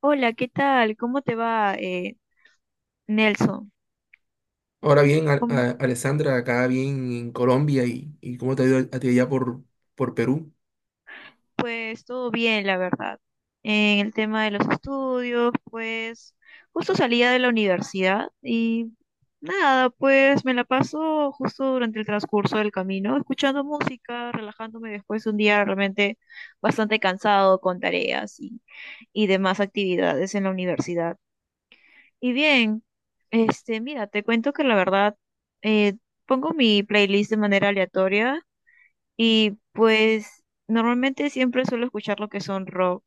Hola, ¿qué tal? ¿Cómo te va, Nelson? Ahora bien, Mm. Alessandra, acá bien en Colombia y cómo te ha ido a ti allá por Perú. Pues todo bien, la verdad. En el tema de los estudios, pues justo salía de la universidad y nada, pues me la paso justo durante el transcurso del camino, escuchando música, relajándome después de un día realmente bastante cansado con tareas y demás actividades en la universidad. Y bien, este, mira, te cuento que la verdad, eh, pongo mi playlist de manera aleatoria y pues normalmente siempre suelo escuchar lo que son rock,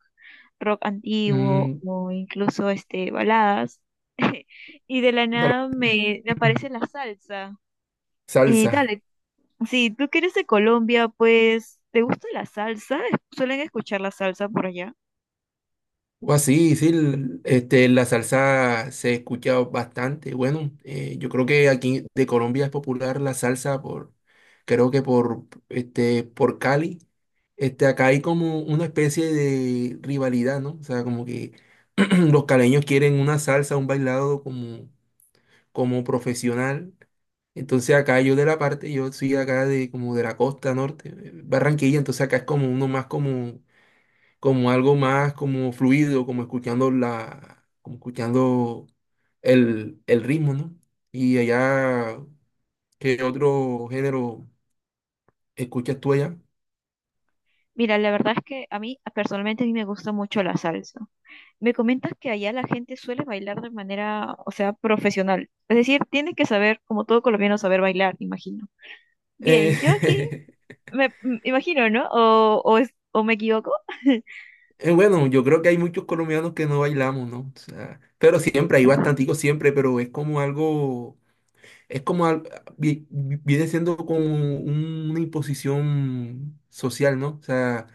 rock antiguo Mm. o incluso este, baladas. Y de la Bueno. nada me aparece la salsa. Salsa. Dale, si tú que eres de Colombia, pues, ¿te gusta la salsa? ¿Suelen escuchar la salsa por allá? O así, sí, este, la salsa se escucha bastante. Bueno, yo creo que aquí de Colombia es popular la salsa por, creo que por, este, por Cali. Este, acá hay como una especie de rivalidad, ¿no? O sea, como que los caleños quieren una salsa, un bailado como profesional. Entonces acá yo de la parte, yo soy acá de como de la costa norte, Barranquilla, entonces acá es como uno más como algo más como fluido, como escuchando la, como escuchando el ritmo, ¿no? Y allá, ¿qué otro género escuchas tú allá? Mira, la verdad es que a mí personalmente a mí me gusta mucho la salsa. Me comentas que allá la gente suele bailar de manera, o sea, profesional. Es decir, tienes que saber, como todo colombiano, saber bailar, imagino. Bien, yo aquí Eh, imagino, ¿no? O me equivoco. bueno, yo creo que hay muchos colombianos que no bailamos, ¿no? O sea, pero siempre, hay bastanticos siempre, pero es como algo. Es como, vi- viene siendo como una imposición social, ¿no? O sea,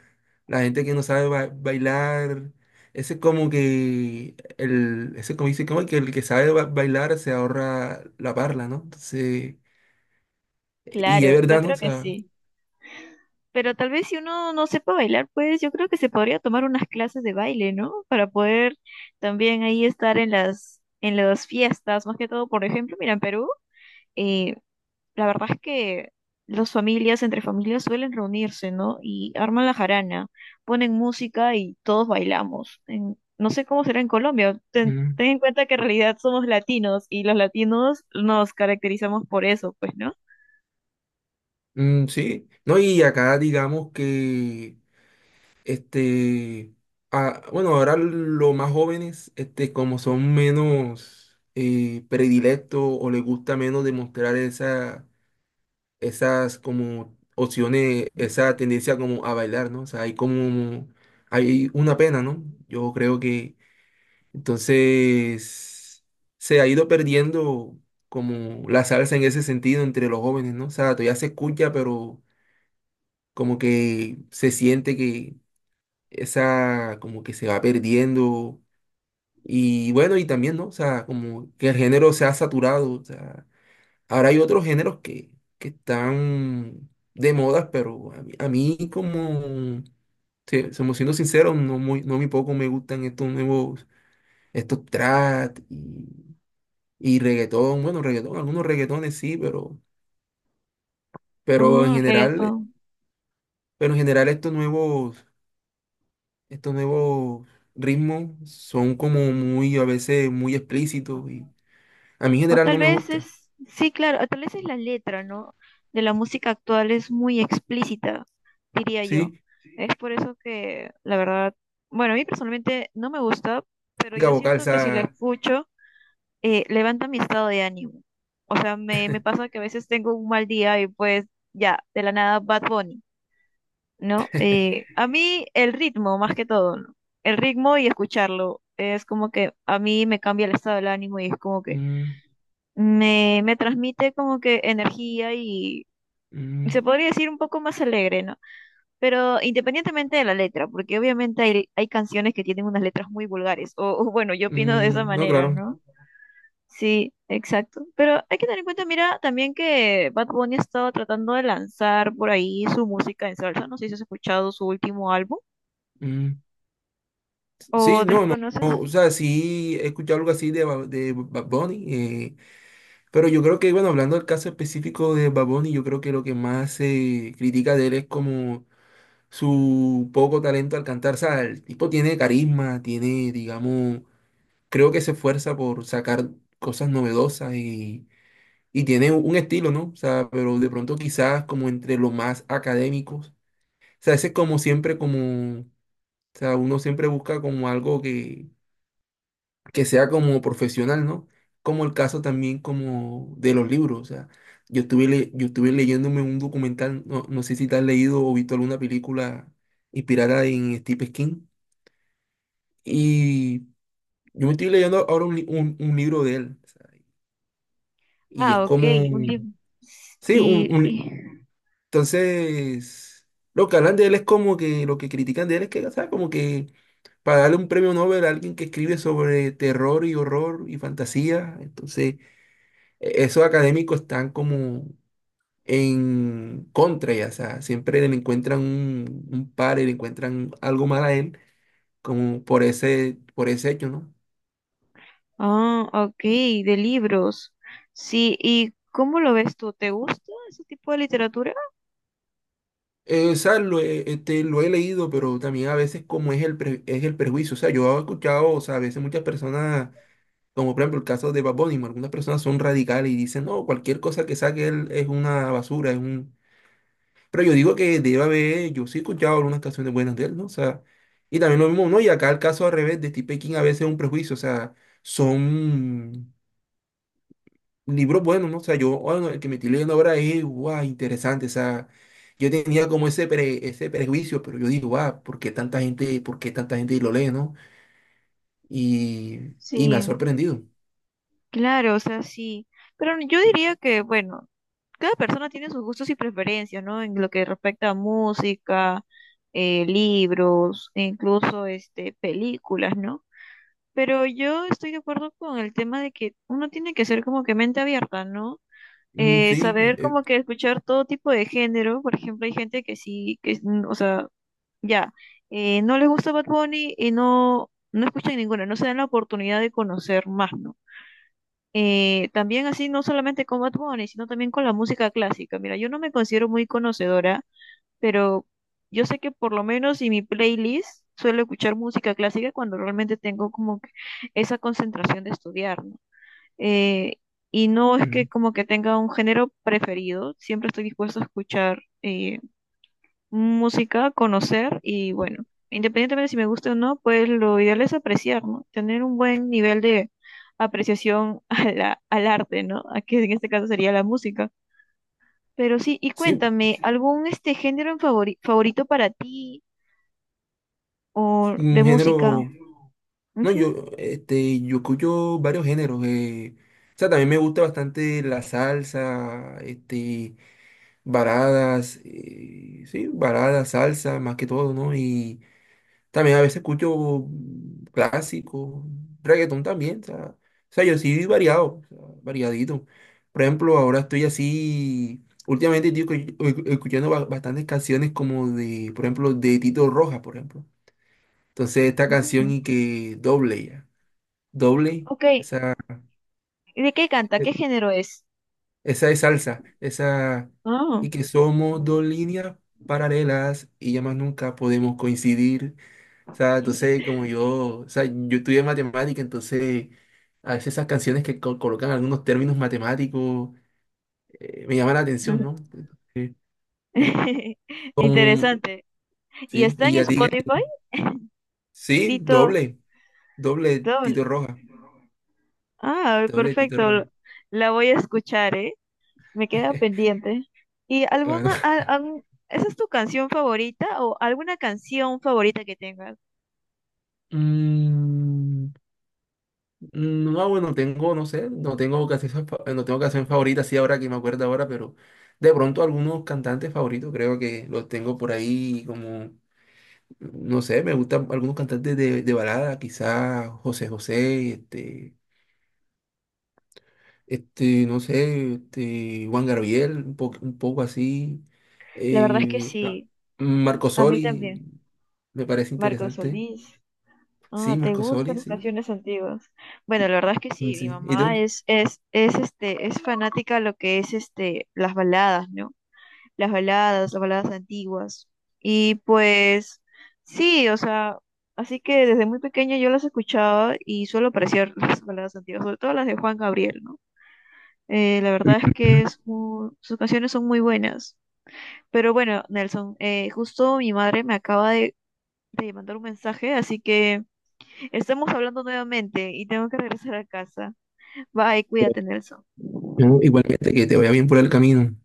la gente que no sabe bailar, ese es como que, ese como dice, como que el que sabe bailar se ahorra la parla, ¿no? Entonces, y es Claro, yo verdad, ¿no? O creo que sea, sí. Pero tal vez si uno no sepa bailar, pues yo creo que se podría tomar unas clases de baile, ¿no? Para poder también ahí estar en en las fiestas, más que todo, por ejemplo, mira, en Perú. eh, la verdad es que las familias, entre familias, suelen reunirse, ¿no? Y arman la jarana, ponen música y todos bailamos. No sé cómo será en Colombia. Mm, Ten en cuenta que en realidad somos latinos y los latinos nos caracterizamos por eso, pues, ¿no? mm, sí, ¿no? Y acá digamos que este, ah, bueno, ahora los más jóvenes, este, como son menos predilectos o les gusta menos demostrar esa, esas como opciones, esa tendencia como a bailar, ¿no? O sea, hay como, hay una pena, ¿no? Yo creo que entonces se ha ido perdiendo como la salsa en ese sentido entre los jóvenes, ¿no? O sea, todavía se escucha, pero como que se siente que esa como que se va perdiendo. Y bueno, y también, ¿no? O sea, como que el género se ha saturado. O sea, ahora hay otros géneros que están de moda, pero a mí como, somos siendo sinceros, no muy poco me gustan estos nuevos, estos trap y reggaetón. Bueno, reggaetón, algunos reggaetones sí, pero en Ah, general, reggaetón. pero en general estos nuevos ritmos son como muy, a veces, muy explícitos y a mí en O general tal no me vez gusta. es, sí, claro, o tal vez es la letra, ¿no? De la música actual es muy explícita, diría yo. ¿Sí? Es por eso que, la verdad, bueno, a mí personalmente no me gusta, pero La yo vocal, o siento que si la sea, escucho, levanta mi estado de ánimo. O sea, me pasa que a veces tengo un mal día y pues ya, de la nada Bad Bunny, ¿no? A mí el ritmo, más que todo, ¿no? El ritmo y escucharlo es como que a mí me cambia el estado del ánimo y es como que mm, me transmite como que energía y se mm, podría decir un poco más alegre, ¿no? Pero independientemente de la letra, porque obviamente hay canciones que tienen unas letras muy vulgares, o bueno, yo opino de esa mm, no, manera, claro, ¿no? Sí, exacto. Pero hay que tener en cuenta, mira, también que Bad Bunny ha estado tratando de lanzar por ahí su música en salsa. No sé si has escuchado su último álbum mm, o sí, no, no, desconoces. no, o sea, sí he escuchado algo así de, de Bad Bunny, pero yo creo que, bueno, hablando del caso específico de Bad Bunny, yo creo que lo que más se critica de él es como su poco talento al cantar, o sea, el tipo tiene carisma, tiene, digamos, creo que se esfuerza por sacar cosas novedosas y tiene un estilo, ¿no? O sea, pero de pronto quizás como entre los más académicos. O sea, ese es como siempre como, o sea, uno siempre busca como algo que sea como profesional, ¿no? Como el caso también como de los libros, o sea, yo estuve leyéndome un documental, no, no sé si te has leído o visto alguna película inspirada en Steve King, y yo me estoy leyendo ahora un, li- un libro de él. Y es Ah, ok, como, un libro. sí, Y, y- entonces, lo que hablan de él es como que, lo que critican de él es que, o sea, como que para darle un premio Nobel a alguien que escribe sobre terror y horror y fantasía, entonces, esos académicos están como en contra, ya, o sea, siempre le encuentran un par y le encuentran algo mal a él, como por ese hecho, ¿no? ah, ok, de libros. Sí, ¿y cómo lo ves tú? ¿Te gusta ese tipo de literatura? O sea, lo he leído, pero también a veces como es es el prejuicio. O sea, yo he escuchado, o sea, a veces muchas personas, como por ejemplo el caso de Bad Bunny, algunas personas son radicales y dicen, no, cualquier cosa que saque él es una basura, es un... Pero yo digo que debe haber, yo sí he escuchado algunas canciones buenas de él, ¿no? O sea, y también lo mismo, ¿no? Y acá el caso al revés de Steve King a veces es un prejuicio, o sea, son libros buenos, ¿no? O sea, yo, bueno, el que me estoy leyendo ahora es, guau, interesante, o sea, yo tenía como ese prejuicio, pero yo digo, guau, por qué tanta gente lo lee? ¿No? Y, Sí. y me ha sorprendido. Claro, o sea, sí. Pero yo diría que, bueno, cada persona tiene sus gustos y preferencias, ¿no? En lo que respecta a música, libros, e incluso este, películas, ¿no? Pero yo estoy de acuerdo con el tema de que uno tiene que ser como que mente abierta, ¿no? Mm, sí, eh, Saber eh, como que escuchar todo tipo de género. Por ejemplo, hay gente que sí, mm, o sea, ya, no les gusta Bad Bunny y no escuchan ninguna, no se dan la oportunidad de conocer más, ¿no? También así, no solamente con Bad Bunny, sino también con la música clásica. Mira, yo no me considero muy conocedora, pero yo sé que por lo menos en mi playlist suelo escuchar música clásica cuando realmente tengo como que esa concentración de estudiar, ¿no? Eh, y no es que mm, como que tenga un género preferido, siempre estoy dispuesto a escuchar música, conocer y bueno, independientemente de si me gusta o no, pues lo ideal es apreciar, ¿no? Tener un buen nivel de apreciación a al arte, ¿no? A que en este caso sería la música. Pero sí, y sí, cuéntame, ¿algún este género en favorito para ti o de un música? género, no, Ujú, yo escucho varios géneros, o sea, también me gusta bastante la salsa, este, baladas, sí, baladas, salsa, más que todo, ¿no? Y también a veces escucho clásicos, reggaetón también, o sea, yo sí variado, o sea, variadito. Por ejemplo, ahora estoy así, últimamente estoy escuchando bastantes canciones como de, por ejemplo, de Tito Rojas, por ejemplo. Entonces esta canción ujú. y que doble ya, doble, Ok, ¿de qué canta? e- ¿Qué género es? esa es salsa, esa Ah. y que somos dos líneas paralelas y ya más nunca podemos coincidir. O sea, entonces como yo estudié matemática, entonces a veces esas canciones que colocan algunos términos matemáticos me llaman la atención, ¿no? Sí, como- Interesante. ¿Y sí, está en y a ti, ¿qué? Spotify? Sí, Tito doble, doble Doble. Tito Roja, Ah, doble Tito perfecto. Roja. La voy a escuchar, ¿eh? Me queda pendiente. ¿Y Bueno, alguna, algún, esa es tu canción favorita o alguna canción favorita que tengas? mm, no, bueno, tengo, no sé, no tengo canción favorita, sí, ahora que me acuerdo ahora, pero de pronto algunos cantantes favoritos creo que los tengo por ahí como... No sé, me gustan algunos cantantes de balada, quizás José José, este, no sé, este, Juan Gabriel, un poco así. La verdad es que eh, ah, sí, Marco a mí Soli, también. me parece Marco interesante. Solís. Sí, Ah, ¿te Marco Soli, gustan las sí. canciones antiguas? Bueno, la verdad es que sí, mi Sí. ¿Y mamá tú? Es este, es fanática a lo que es este, las baladas, ¿no? Las las baladas antiguas. Y pues sí, o sea, así que desde muy pequeña yo las escuchaba y suelo apreciar las baladas antiguas, sobre todo las de Juan Gabriel, ¿no? La verdad es que Ujú. es sus canciones son muy buenas. Pero bueno, Nelson, justo mi madre me acaba de mandar un mensaje, así que estamos hablando nuevamente y tengo que regresar a casa. Bye, cuídate, Nelson. No, igualmente, que te vaya bien por el camino.